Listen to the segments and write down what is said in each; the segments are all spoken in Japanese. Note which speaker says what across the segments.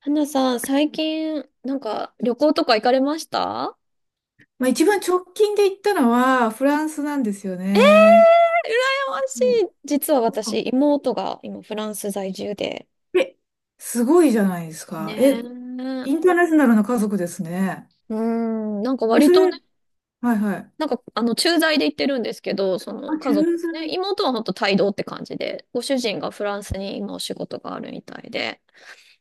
Speaker 1: 花さん、最近、なんか、旅行とか行かれました？
Speaker 2: まあ、一番直近で行ったのはフランスなんですよ
Speaker 1: え、
Speaker 2: ね。
Speaker 1: 羨ま
Speaker 2: う
Speaker 1: し
Speaker 2: ん。
Speaker 1: い。実は私、妹が今、フランス在住で。
Speaker 2: え、すごいじゃないです
Speaker 1: ね
Speaker 2: か。
Speaker 1: え。
Speaker 2: え、
Speaker 1: う
Speaker 2: インターナショナルな家族ですね。
Speaker 1: ーん、なんか
Speaker 2: え、
Speaker 1: 割
Speaker 2: そ
Speaker 1: と
Speaker 2: れ、
Speaker 1: ね、
Speaker 2: はいはい。
Speaker 1: なんか、駐在で行ってるんですけど、そ
Speaker 2: あ、
Speaker 1: の、家族、
Speaker 2: 駐在。
Speaker 1: ね、妹はほんと帯同って感じで、ご主人がフランスに今お仕事があるみたいで、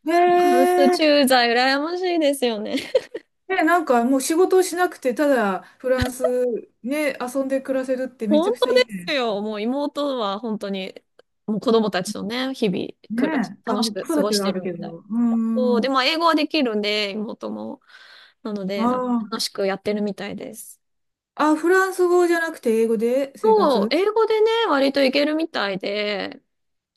Speaker 2: へ
Speaker 1: フランス
Speaker 2: え。
Speaker 1: 駐在、羨ましいですよね。
Speaker 2: え、なんかもう仕事をしなくて、ただフランスね、遊んで暮らせるってめち
Speaker 1: 本
Speaker 2: ゃく
Speaker 1: 当
Speaker 2: ちゃ
Speaker 1: で
Speaker 2: いい
Speaker 1: す
Speaker 2: ね。
Speaker 1: よ。もう妹は本当に、もう子供たちとね、日々、
Speaker 2: ね
Speaker 1: 暮らし、
Speaker 2: え。あ、
Speaker 1: 楽し
Speaker 2: 子
Speaker 1: く過
Speaker 2: 育
Speaker 1: ご
Speaker 2: て
Speaker 1: し
Speaker 2: は
Speaker 1: て
Speaker 2: ある
Speaker 1: るみ
Speaker 2: け
Speaker 1: たい。
Speaker 2: ど。う
Speaker 1: そう、
Speaker 2: ん。あ
Speaker 1: で、まあ、英語はできるんで、妹も。なので、なんか楽
Speaker 2: あ。
Speaker 1: しくやってるみたいです。
Speaker 2: あ、フランス語じゃなくて英語で生
Speaker 1: そう、
Speaker 2: 活。
Speaker 1: 英語でね、割といけるみたいで、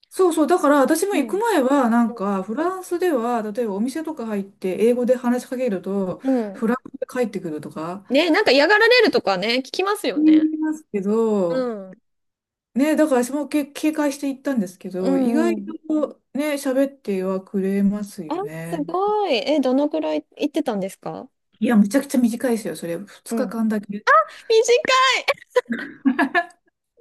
Speaker 2: そうそう、だから私も
Speaker 1: う
Speaker 2: 行く
Speaker 1: ん。
Speaker 2: 前は、なんか、フランスでは、例えばお店とか入って、英語で話しかけると、
Speaker 1: うん。
Speaker 2: フランスで帰ってくるとか、
Speaker 1: ね、なんか嫌がられるとかね、聞きますよ
Speaker 2: 言
Speaker 1: ね。
Speaker 2: いますけど、
Speaker 1: うん。
Speaker 2: ね、だから私も警戒して行ったんですけ
Speaker 1: う
Speaker 2: ど、意
Speaker 1: ん
Speaker 2: 外
Speaker 1: うん。
Speaker 2: とね、喋ってはくれます
Speaker 1: あ、
Speaker 2: よ
Speaker 1: す
Speaker 2: ね。
Speaker 1: ごい。え、どのくらい行ってたんですか？
Speaker 2: いや、めちゃくちゃ短いですよ、それ、2
Speaker 1: うん。短
Speaker 2: 日間だけ。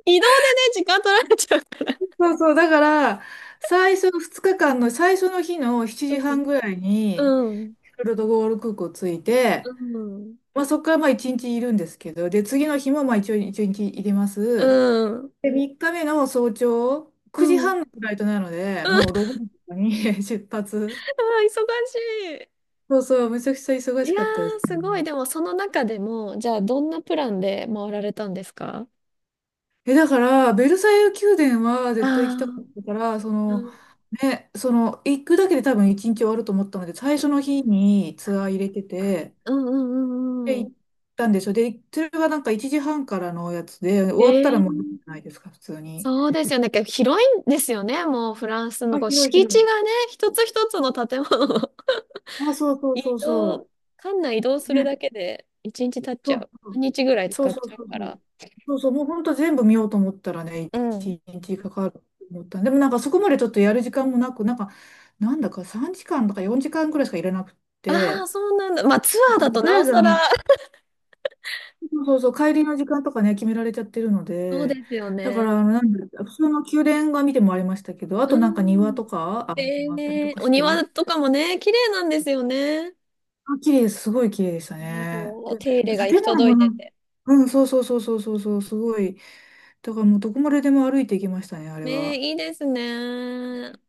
Speaker 1: い移動でね、時間取られちゃう。
Speaker 2: そうそう、だから、最初の2日間の最初の日の7時半ぐらい
Speaker 1: う
Speaker 2: に、
Speaker 1: ん。
Speaker 2: フロトゴール空港着いて、
Speaker 1: うん。
Speaker 2: まあ、そこからまあ1日いるんですけど、で、次の日もまあ一応1日入れます。
Speaker 1: うん。うん。
Speaker 2: で、3日目の早朝、
Speaker 1: うん。
Speaker 2: 9
Speaker 1: うん。う
Speaker 2: 時
Speaker 1: ん。
Speaker 2: 半のフライトなので、もう
Speaker 1: あ
Speaker 2: 6時とかに 出発。
Speaker 1: ー、忙しい。
Speaker 2: そうそう、めちゃくちゃ忙
Speaker 1: いや
Speaker 2: しかったです
Speaker 1: ー、すごい。
Speaker 2: ね。
Speaker 1: でも、その中でも、じゃあ、どんなプランで回られたんですか？
Speaker 2: え、だから、ベルサイユ宮殿は
Speaker 1: あ
Speaker 2: 絶対行きたか
Speaker 1: あ
Speaker 2: ったから、そ
Speaker 1: ー。う
Speaker 2: の、
Speaker 1: ん、
Speaker 2: ね、その、行くだけで多分1日終わると思ったので、最初の日にツアー入れてて、
Speaker 1: うんうんう
Speaker 2: で、
Speaker 1: んう
Speaker 2: 行っ
Speaker 1: ん。
Speaker 2: たんでしょ。で、それがなんか1時半からのやつで、終わったら
Speaker 1: え
Speaker 2: もうじ
Speaker 1: え、
Speaker 2: ゃないですか、普通に。
Speaker 1: そうですよね。結構広いんですよね。もうフランスの
Speaker 2: あ、
Speaker 1: こう
Speaker 2: 広い
Speaker 1: 敷
Speaker 2: 広
Speaker 1: 地
Speaker 2: い。
Speaker 1: がね、一つ一つの建物を
Speaker 2: あ、そう そうそ
Speaker 1: 移
Speaker 2: う
Speaker 1: 動、
Speaker 2: そ
Speaker 1: 館内移動
Speaker 2: う。
Speaker 1: する
Speaker 2: ね。
Speaker 1: だけで一日経っち
Speaker 2: そ
Speaker 1: ゃ
Speaker 2: う
Speaker 1: う。
Speaker 2: そ
Speaker 1: 半日ぐらい使
Speaker 2: う
Speaker 1: っ
Speaker 2: そうそう
Speaker 1: ちゃう
Speaker 2: そう
Speaker 1: か
Speaker 2: そ
Speaker 1: ら。
Speaker 2: う。そうそう、もう本当全部見ようと思ったらね、
Speaker 1: あ、うん。
Speaker 2: 一日かかると思ったで。もなんかそこまでちょっとやる時間もなく、なんか、なんだか3時間とか4時間くらいしかいらなくっ
Speaker 1: ああ、
Speaker 2: て、
Speaker 1: そうなんだ。まあツアーだと
Speaker 2: とりあ
Speaker 1: な
Speaker 2: え
Speaker 1: お
Speaker 2: ず
Speaker 1: さ
Speaker 2: あ
Speaker 1: ら。
Speaker 2: の、そうそうそう、帰りの時間とかね、決められちゃってるの
Speaker 1: そう
Speaker 2: で、
Speaker 1: ですよ
Speaker 2: だか
Speaker 1: ね。
Speaker 2: らあの、なんだ、普通の宮殿が見てもありましたけど、あ
Speaker 1: う
Speaker 2: となんか庭
Speaker 1: ん。
Speaker 2: とか、あ、あったりと
Speaker 1: ええ、
Speaker 2: か
Speaker 1: お
Speaker 2: してね。
Speaker 1: 庭とかもね、綺麗なんですよね。
Speaker 2: あ、綺麗です。すごい綺麗でした
Speaker 1: ね、
Speaker 2: ね。
Speaker 1: こう、
Speaker 2: で、
Speaker 1: 手入れが行き
Speaker 2: 建物
Speaker 1: 届
Speaker 2: も
Speaker 1: い
Speaker 2: な
Speaker 1: て
Speaker 2: ん、
Speaker 1: て。
Speaker 2: うん、そうそうそうそうそうそう、すごい。だからもうどこまででも歩いていきましたね、あれは。
Speaker 1: ね、いいですね。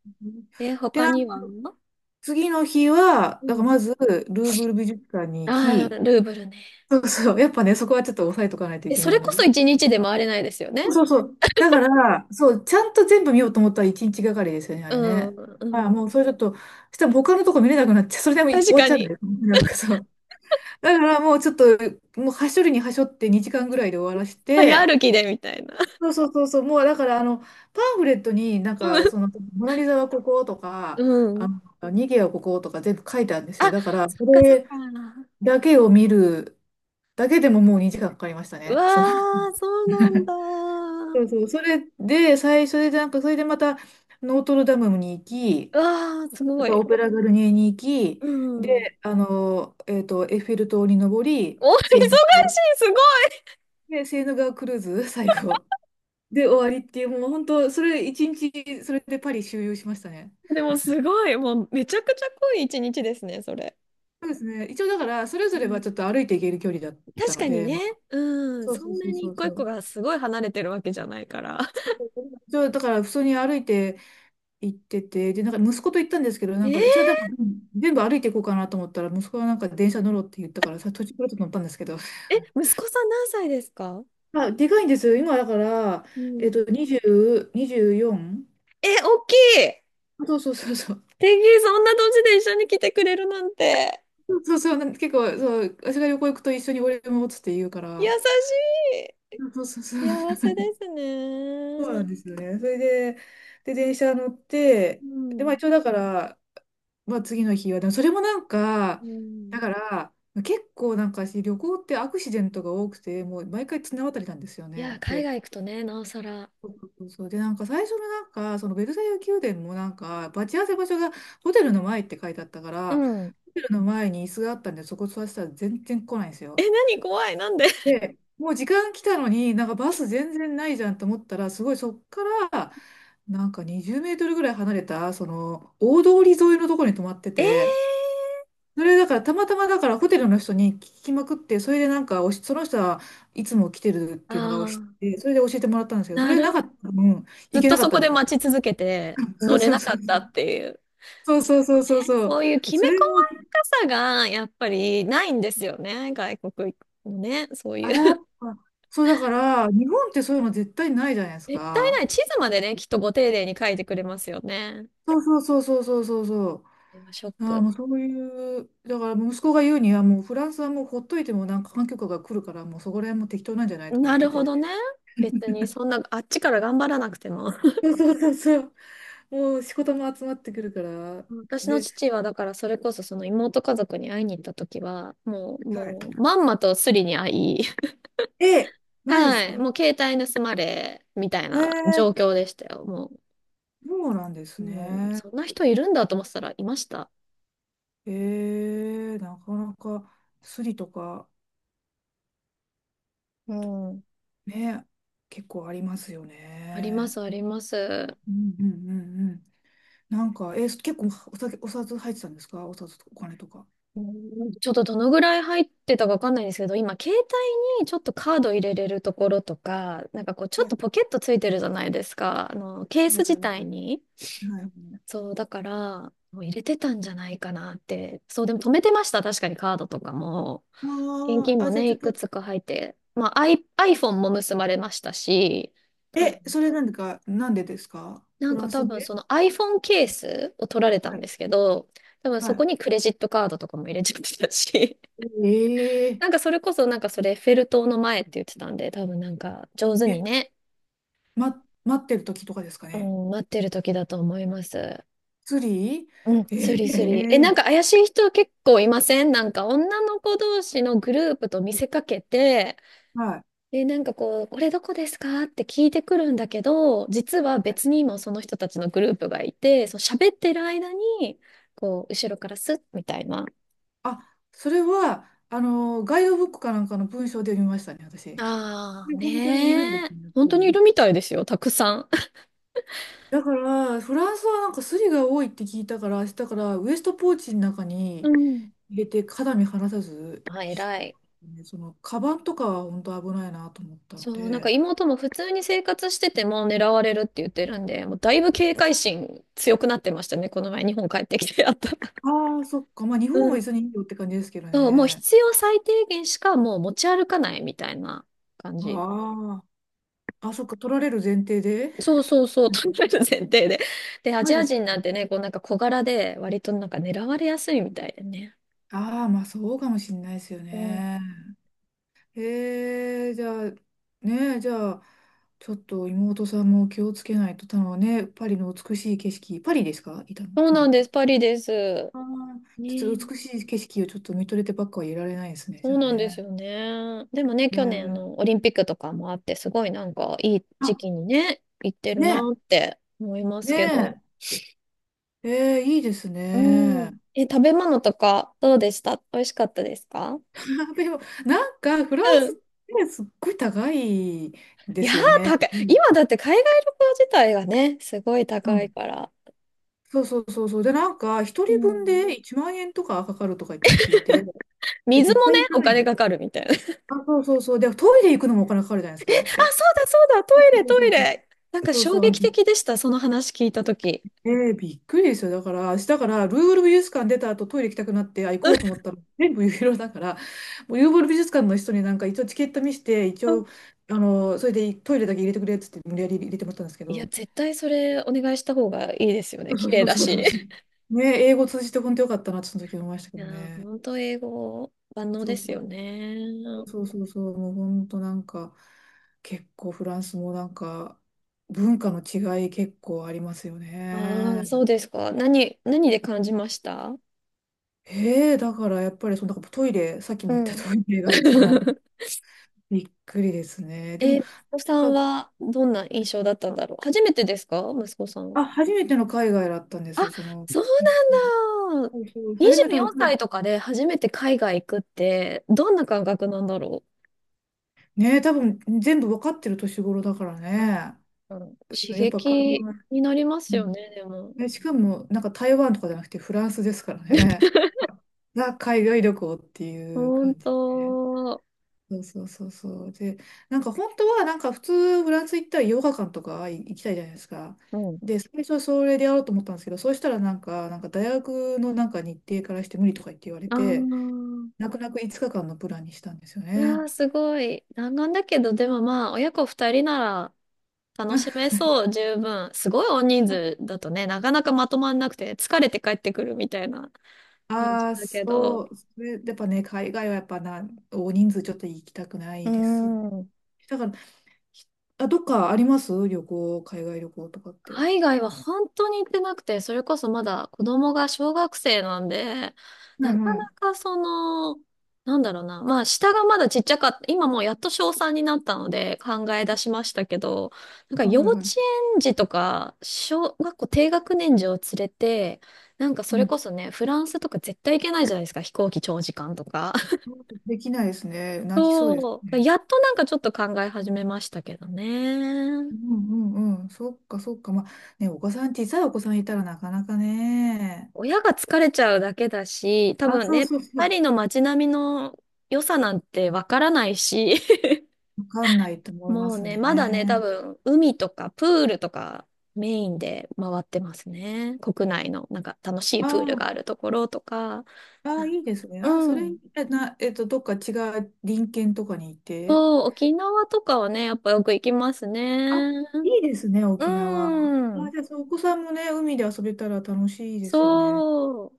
Speaker 2: うん。
Speaker 1: え、
Speaker 2: で、
Speaker 1: 他には？う
Speaker 2: 次の日は、だから
Speaker 1: ん。
Speaker 2: まず、ルーブル美術館に行
Speaker 1: ああ、
Speaker 2: き、
Speaker 1: ルーブルね。
Speaker 2: そうそう、やっぱね、そこはちょっと押さえとかないとい
Speaker 1: え、
Speaker 2: け
Speaker 1: そ
Speaker 2: ない
Speaker 1: れ
Speaker 2: の
Speaker 1: こ
Speaker 2: で。
Speaker 1: そ一日で回れないですよ
Speaker 2: そう
Speaker 1: ね。
Speaker 2: そうそう。だから、そう、ちゃんと全部見ようと思ったら一日がかりですよね、あ
Speaker 1: う
Speaker 2: れね。
Speaker 1: ん、
Speaker 2: あ
Speaker 1: う
Speaker 2: あ、も
Speaker 1: ん。
Speaker 2: うそれちょっと、そしたら他のとこ見れなくなっちゃう。それでも終
Speaker 1: 確
Speaker 2: わっ
Speaker 1: か
Speaker 2: ちゃうんだ
Speaker 1: に。
Speaker 2: よ。だからもうちょっと、もうはしょるにはしょって2時間ぐらいで終わらし
Speaker 1: 早
Speaker 2: て、
Speaker 1: 歩きで、みたいな。
Speaker 2: そうそうそうそう、もうだからあの、パンフレットになんか、その、モナリザはここと
Speaker 1: う
Speaker 2: か、
Speaker 1: ん。う
Speaker 2: あ
Speaker 1: ん。
Speaker 2: の、ニゲはこことか全部書いてあるんで
Speaker 1: あ、
Speaker 2: すよ。だから、
Speaker 1: そっ
Speaker 2: こ
Speaker 1: かそっ
Speaker 2: れ
Speaker 1: か。
Speaker 2: だけを見るだけでももう2時間かかりました
Speaker 1: うわ
Speaker 2: ね。その
Speaker 1: ー、そうな んだ。
Speaker 2: そうそう、それで、最初でなんか、それでまた、ノートルダムに行き、
Speaker 1: うわー、す
Speaker 2: あ
Speaker 1: ご
Speaker 2: とは
Speaker 1: い。
Speaker 2: オペラガルニエに行き、
Speaker 1: うん。
Speaker 2: で、エッフェル塔に登り、
Speaker 1: お、忙しい、すごい。
Speaker 2: セーヌ川クルーズ、最後。で、終わりっていう、もう本当、それ、一日、それでパリ周遊しましたね。
Speaker 1: でもすごい、もうめちゃくちゃ濃い一日ですね、それ。
Speaker 2: そうですね。一応、だから、それ
Speaker 1: う
Speaker 2: ぞれは
Speaker 1: ん、
Speaker 2: ちょっと歩いていける距離だった
Speaker 1: 確
Speaker 2: の
Speaker 1: かに
Speaker 2: で、
Speaker 1: ね、
Speaker 2: まあ、
Speaker 1: うん、
Speaker 2: そう
Speaker 1: そ
Speaker 2: そう
Speaker 1: ん
Speaker 2: そ
Speaker 1: な
Speaker 2: う
Speaker 1: に
Speaker 2: そ
Speaker 1: 一
Speaker 2: う
Speaker 1: 個一
Speaker 2: そ
Speaker 1: 個
Speaker 2: う。
Speaker 1: がすごい離れてるわけじゃないから。
Speaker 2: そう そうそう一応だから、普通に歩いて行ってて、で、なんか息子と行ったんですけど、な
Speaker 1: え
Speaker 2: んか、
Speaker 1: ー、
Speaker 2: 私はでも、うん全部歩いていこうかなと思ったら、息子はなんか電車乗ろうって言ったから、さ、途中からちょっと乗ったんですけど、
Speaker 1: え、息子さん何歳ですか？
Speaker 2: まあ、でかいんですよ。今、だから、
Speaker 1: うん。
Speaker 2: 20、24？
Speaker 1: え、大きい。
Speaker 2: そうそうそうそう。
Speaker 1: 天気そんな年で一緒に来てくれるなんて、
Speaker 2: そうそう、結構、そう、私が旅行行くと一緒に俺もっつって言うか
Speaker 1: 優
Speaker 2: ら、
Speaker 1: し
Speaker 2: そうそうそ
Speaker 1: い。幸
Speaker 2: う。
Speaker 1: せです
Speaker 2: そうな
Speaker 1: ね。
Speaker 2: んですよね。それで、で、電車乗って、
Speaker 1: う
Speaker 2: で、まあ
Speaker 1: ん。
Speaker 2: 一応だから、まあ次の日は、でもそれもなん
Speaker 1: う
Speaker 2: か、だか
Speaker 1: ん。
Speaker 2: ら、結構なんか私旅行ってアクシデントが多くて、もう毎回綱渡りなんですよ
Speaker 1: いや、
Speaker 2: ね。
Speaker 1: 海
Speaker 2: で、
Speaker 1: 外行くとね、なおさら。
Speaker 2: そうそうそうで、なんか最初のなんか、そのベルサイユ宮殿もなんか、待ち合わせ場所がホテルの前って書いてあったか
Speaker 1: う
Speaker 2: ら、
Speaker 1: ん。
Speaker 2: ホテルの前に椅子があったんで、そこ座ってたら全然来ないんです
Speaker 1: え、
Speaker 2: よ。
Speaker 1: 何怖い、なんで？
Speaker 2: で、もう時間来たのに、なんかバス全然ないじゃんと思ったら、すごいそっから、なんか20メートルぐらい離れた、その、大通り沿いのところに泊まって
Speaker 1: え
Speaker 2: て、
Speaker 1: ー。
Speaker 2: それだから、たまたまだからホテルの人に聞きまくって、それでなんかその人はいつも来てるっ
Speaker 1: あ
Speaker 2: ていうのが知っ
Speaker 1: あ、
Speaker 2: て、それで教えてもらったんですけど、そ
Speaker 1: な
Speaker 2: れな
Speaker 1: るほ
Speaker 2: かっ
Speaker 1: ど。
Speaker 2: たら、うん、
Speaker 1: ず
Speaker 2: 行
Speaker 1: っ
Speaker 2: け
Speaker 1: と
Speaker 2: なかっ
Speaker 1: そ
Speaker 2: た
Speaker 1: こ
Speaker 2: んで
Speaker 1: で
Speaker 2: すよね。
Speaker 1: 待ち続けて
Speaker 2: そ
Speaker 1: 乗
Speaker 2: う
Speaker 1: れ
Speaker 2: そう
Speaker 1: な
Speaker 2: そ
Speaker 1: か
Speaker 2: う
Speaker 1: った
Speaker 2: そう。
Speaker 1: っていう。
Speaker 2: そうそう
Speaker 1: も
Speaker 2: そう
Speaker 1: うね、
Speaker 2: そうそう。
Speaker 1: そういうき
Speaker 2: そ
Speaker 1: め
Speaker 2: れ
Speaker 1: 細
Speaker 2: も、
Speaker 1: やかさがやっぱりないんですよね。外国行くのね。そうい
Speaker 2: あ、
Speaker 1: う。
Speaker 2: やっ ぱ、そうだから、日本ってそういうの絶対ないじゃないです
Speaker 1: 絶対な
Speaker 2: か。
Speaker 1: い。地図までね、きっとご丁寧に書いてくれますよね。
Speaker 2: そうそうそうそうそうそうそ
Speaker 1: でもショッ
Speaker 2: う。ああ、
Speaker 1: ク。
Speaker 2: もうそういう、だから息子が言うには、もうフランスはもうほっといてもなんか環境下が来るから、もうそこら辺も適当なんじゃないとか言
Speaker 1: な
Speaker 2: って
Speaker 1: るほどね。
Speaker 2: て。
Speaker 1: 別にそんな、あっちから頑張らなくても。
Speaker 2: そうそうそうそう、もう仕事も集まってくるから。
Speaker 1: 私の
Speaker 2: で、
Speaker 1: 父はだからそれこそその妹家族に会いに行った時は、もう、
Speaker 2: は
Speaker 1: もう、まんまとスリに会い、
Speaker 2: い。え、マジで
Speaker 1: は
Speaker 2: す
Speaker 1: い、
Speaker 2: か？
Speaker 1: もう携帯盗まれ、みたい
Speaker 2: へ
Speaker 1: な
Speaker 2: え、
Speaker 1: 状況でしたよ。もう、
Speaker 2: そうなんで
Speaker 1: う
Speaker 2: す
Speaker 1: ん、
Speaker 2: ね。
Speaker 1: そんな人いるんだと思ってたらいました。
Speaker 2: ええ、なかなかスリとか
Speaker 1: うん。
Speaker 2: ね、結構ありますよ
Speaker 1: あります、
Speaker 2: ね。
Speaker 1: あります。
Speaker 2: うんうんうんうん。なんか、え、結構お酒、お札入ってたんですか？お札とかお金とか。は
Speaker 1: うん、ちょっとどのぐらい入ってたかわかんないんですけど、今、携帯にちょっとカード入れれるところとか、なんかこう、ちょっと
Speaker 2: い
Speaker 1: ポケットついてるじゃないですか。あの、ケース
Speaker 2: はいは
Speaker 1: 自
Speaker 2: い
Speaker 1: 体に。
Speaker 2: はい。
Speaker 1: そう、だから、もう入れてたんじゃないかなって。そう、でも止めてました。確かにカードとかも。現
Speaker 2: あ
Speaker 1: 金
Speaker 2: あ、
Speaker 1: も
Speaker 2: あ、じゃあ
Speaker 1: ね、
Speaker 2: ちょ
Speaker 1: い
Speaker 2: っ
Speaker 1: く
Speaker 2: と、
Speaker 1: つか入って。まあ、I、iPhone も結ばれましたし、多分、
Speaker 2: え、それなんでですか
Speaker 1: な
Speaker 2: フ
Speaker 1: ん
Speaker 2: ラ
Speaker 1: か
Speaker 2: ン
Speaker 1: 多
Speaker 2: ス
Speaker 1: 分
Speaker 2: で？
Speaker 1: その iPhone ケースを取られた
Speaker 2: は
Speaker 1: ん
Speaker 2: い、
Speaker 1: ですけど、多分
Speaker 2: は
Speaker 1: そこ
Speaker 2: い。
Speaker 1: にクレジットカードとかも入れちゃってたし、
Speaker 2: え
Speaker 1: なんかそれこそなんかそれフェルトの前って言ってたんで、多分なんか上手
Speaker 2: え
Speaker 1: に
Speaker 2: え、
Speaker 1: ね、
Speaker 2: 待ってる時とかですか
Speaker 1: う
Speaker 2: ね。
Speaker 1: ん、待ってる時だと思います。
Speaker 2: 釣
Speaker 1: うん、
Speaker 2: り
Speaker 1: スリスリ。え、
Speaker 2: え
Speaker 1: なん
Speaker 2: え
Speaker 1: か怪しい人結構いません？なんか女の子同士のグループと見せかけて、
Speaker 2: はい。
Speaker 1: で、なんかこう、これどこですかって聞いてくるんだけど、実は別にもその人たちのグループがいて、そう喋ってる間に、こう、後ろからスッみたいな。
Speaker 2: あ、それは、あの、ガイドブックかなんかの文章で見ましたね、私。
Speaker 1: ああ、
Speaker 2: で、本当にいるんで
Speaker 1: ね
Speaker 2: す
Speaker 1: え。
Speaker 2: ね、やっ
Speaker 1: 本
Speaker 2: ぱ
Speaker 1: 当にい
Speaker 2: り。
Speaker 1: るみたいですよ、たくさん。
Speaker 2: だから、フランスはなんかスリが多いって聞いたから、明日からウエストポーチの中 に、
Speaker 1: うん。
Speaker 2: 入れて肌身離さず
Speaker 1: あ、偉
Speaker 2: してま
Speaker 1: い。
Speaker 2: すね、その、カバンとかは本当危ないなと思ったの
Speaker 1: そう、なんか
Speaker 2: で、
Speaker 1: 妹も普通に生活してても狙われるって言ってるんで、もうだいぶ警戒心強くなってましたね、この前日本帰ってきてやったら。
Speaker 2: ああ、そっか、まあ日
Speaker 1: う
Speaker 2: 本は
Speaker 1: ん。
Speaker 2: 別にいいよって感じですけど
Speaker 1: そう、もう
Speaker 2: ね。
Speaker 1: 必要最低限しかもう持ち歩かないみたいな感じ。
Speaker 2: ああ、あ、そっか、取られる前提で。
Speaker 1: そうそうそう、食べる前提で。で、ア
Speaker 2: マ
Speaker 1: ジ
Speaker 2: ジ
Speaker 1: ア
Speaker 2: です
Speaker 1: 人なん
Speaker 2: か。
Speaker 1: てね、こうなんか小柄で、割となんか狙われやすいみたいでね。
Speaker 2: ああ、まあそうかもしれないですよ
Speaker 1: うん。
Speaker 2: ね。じゃあ、ねえ、じゃあ、ちょっと妹さんも気をつけないと、たのね、パリの美しい景色、パリですか？い
Speaker 1: そう
Speaker 2: るの
Speaker 1: な
Speaker 2: っ
Speaker 1: んで
Speaker 2: て。
Speaker 1: す、パリです。
Speaker 2: ああ、ち
Speaker 1: ね
Speaker 2: ょっと
Speaker 1: え、
Speaker 2: 美しい景色をちょっと見とれてばっかはいられないですね、じ
Speaker 1: そ
Speaker 2: ゃ
Speaker 1: う
Speaker 2: あ
Speaker 1: なんです
Speaker 2: ね。
Speaker 1: よね。でもね、
Speaker 2: え
Speaker 1: 去年あ
Speaker 2: ー、
Speaker 1: の、オリンピックとかもあって、すごいなんかいい
Speaker 2: あ、
Speaker 1: 時期にね、行ってるな
Speaker 2: ね
Speaker 1: って思いま
Speaker 2: え、
Speaker 1: すけど。
Speaker 2: ねえ、えーいいです
Speaker 1: うん。
Speaker 2: ね。
Speaker 1: え、食べ物とかどうでした？美味しかったですか？
Speaker 2: でも、なんか、フラン
Speaker 1: う
Speaker 2: スっ
Speaker 1: ん。
Speaker 2: てすっごい高い
Speaker 1: い
Speaker 2: で
Speaker 1: や
Speaker 2: す
Speaker 1: ー、
Speaker 2: よね。
Speaker 1: 高い。
Speaker 2: うん。
Speaker 1: 今だって海外旅行自体がね、すごい
Speaker 2: う
Speaker 1: 高い
Speaker 2: ん。
Speaker 1: から。
Speaker 2: そうそうそうそう。で、なんか、一
Speaker 1: う
Speaker 2: 人分
Speaker 1: ん、
Speaker 2: で1万円とかかかるとか言って聞いて、え、
Speaker 1: 水
Speaker 2: 絶
Speaker 1: もね、
Speaker 2: 対行か
Speaker 1: お
Speaker 2: ない
Speaker 1: 金
Speaker 2: の。
Speaker 1: かかるみたいな。あ、そう
Speaker 2: あ、そうそうそう。で、トイレ行くのもお金かかるじゃないですか、あれって。
Speaker 1: だそうだ、ト
Speaker 2: そ
Speaker 1: イレ
Speaker 2: うそ
Speaker 1: トイ
Speaker 2: うそう。
Speaker 1: レ。なんか
Speaker 2: そう
Speaker 1: 衝
Speaker 2: そう、あれ。
Speaker 1: 撃的でした、その話聞いたとき。
Speaker 2: ええびっくりですよ。だから、ルーブル美術館出た後、トイレ行きたくなって、あ、行こうと思っ たら、全部ユーロだから、もうルーブル美術館の人になんか、一応チケット見せて、一
Speaker 1: うん。
Speaker 2: 応、あの、それでトイレだけ入れてくれっつって、無理やり入れてもらったんですけ
Speaker 1: いや、
Speaker 2: ど、
Speaker 1: 絶対それお願いした方がいいですよ
Speaker 2: そ
Speaker 1: ね。
Speaker 2: う
Speaker 1: 綺
Speaker 2: そう
Speaker 1: 麗
Speaker 2: そう
Speaker 1: だ
Speaker 2: そう。そ
Speaker 1: し。
Speaker 2: うそうねえ、英語通じて本当よかったなって、その時思いましたけ
Speaker 1: い
Speaker 2: ど
Speaker 1: やー、
Speaker 2: ね。
Speaker 1: 本当英語万能
Speaker 2: そ
Speaker 1: で
Speaker 2: うそ
Speaker 1: す
Speaker 2: う
Speaker 1: よね。
Speaker 2: そうそうそう、もう本当なんか、結構フランスもなんか、文化の違い結構ありますよ
Speaker 1: あ
Speaker 2: ね。
Speaker 1: あ、そうですか。何、何で感じました？
Speaker 2: へえ、だからやっぱりそのなんかトイレ、さっきも
Speaker 1: う
Speaker 2: 言った
Speaker 1: ん。
Speaker 2: トイレが一番 びっくりですね。で
Speaker 1: え、
Speaker 2: も、
Speaker 1: 息子さ
Speaker 2: な
Speaker 1: ん
Speaker 2: んか
Speaker 1: はどんな印象だったんだろう。初めてですか？息子さんは。
Speaker 2: あ、初めての海外だったんで
Speaker 1: あ、
Speaker 2: す、その。
Speaker 1: そうなんだ。
Speaker 2: そうそう初め
Speaker 1: 24
Speaker 2: ての海
Speaker 1: 歳
Speaker 2: 外、
Speaker 1: とかで初めて海外行くって、どんな感覚なんだろ
Speaker 2: ね、多分全部わかってる年頃だから
Speaker 1: う。うん、
Speaker 2: ね。
Speaker 1: うん、刺
Speaker 2: やっぱ考
Speaker 1: 激
Speaker 2: え、
Speaker 1: になりま
Speaker 2: う
Speaker 1: すよ
Speaker 2: ん
Speaker 1: ね、でも。
Speaker 2: え、しかもなんか台湾とかじゃなくてフランスですからね。が海外旅行っていう
Speaker 1: ほん
Speaker 2: 感じ。
Speaker 1: と。
Speaker 2: そうそうそうそう。で、なんか本当はなんか普通フランス行ったらヨガ館とか行きたいじゃないですか。
Speaker 1: うん。
Speaker 2: で、最初はそれでやろうと思ったんですけど、そうしたらなんか大学のなんか日程からして無理とか言って言われ
Speaker 1: あ
Speaker 2: て、
Speaker 1: あ、
Speaker 2: 泣く泣く5日間のプランにしたんですよ
Speaker 1: うわ
Speaker 2: ね。
Speaker 1: ー、すごい。弾丸だけど、でもまあ、親子二人なら楽し めそう、十分。すごい大人数だとね、なかなかまとまんなくて、疲れて帰ってくるみたいな感じ
Speaker 2: ああ、
Speaker 1: だけ
Speaker 2: そ
Speaker 1: ど。
Speaker 2: う。それやっぱね、海外はやっぱな、大人数ちょっと行きたくな
Speaker 1: う
Speaker 2: い
Speaker 1: ー
Speaker 2: ですね。
Speaker 1: ん。
Speaker 2: だから、ひあ、どっかあります？旅行、海外旅行とかって。
Speaker 1: 海外は本当に行ってなくて、それこそまだ子供が小学生なんで、
Speaker 2: は
Speaker 1: な
Speaker 2: い
Speaker 1: か
Speaker 2: はい。
Speaker 1: なかその、なんだろうな、まあ下がまだちっちゃかった、今もうやっと小3になったので考え出しましたけど、なんか
Speaker 2: はい
Speaker 1: 幼
Speaker 2: はい
Speaker 1: 稚
Speaker 2: はい。
Speaker 1: 園児とか小学校低学年児を連れて、なんかそ
Speaker 2: う
Speaker 1: れ
Speaker 2: ん。
Speaker 1: こそね、フランスとか絶対行けないじゃないですか、飛行機長時間とか。
Speaker 2: できないですね。泣きそうです
Speaker 1: そう、
Speaker 2: ね。
Speaker 1: やっとなんかちょっと考え始めましたけどね。
Speaker 2: うんうんうん。そっかそっか。まあね、お子さん、小さいお子さんいたらなかなかね、
Speaker 1: 親が疲れちゃうだけだし、多
Speaker 2: あ、
Speaker 1: 分
Speaker 2: そう
Speaker 1: ね、
Speaker 2: そうそ
Speaker 1: パ
Speaker 2: う。
Speaker 1: リの街並みの良さなんてわからないし、
Speaker 2: わかんないと思いま
Speaker 1: もう
Speaker 2: す
Speaker 1: ね、まだね、多
Speaker 2: ね。
Speaker 1: 分海とかプールとかメインで回ってますね。国内のなんか楽しいプール
Speaker 2: あ
Speaker 1: があるところとか。
Speaker 2: あ、ああ、いいですね。
Speaker 1: う
Speaker 2: ああ、それ、
Speaker 1: ん。
Speaker 2: え、な、えっと、どっか違う隣県とかにいて。
Speaker 1: そう、沖縄とかはね、やっぱよく行きます
Speaker 2: あ、
Speaker 1: ね。
Speaker 2: いいですね、
Speaker 1: う
Speaker 2: 沖縄。ああ、じゃあ、
Speaker 1: ん。
Speaker 2: そうお子さんもね、海で遊べたら楽しいで
Speaker 1: そ
Speaker 2: すよね。
Speaker 1: う。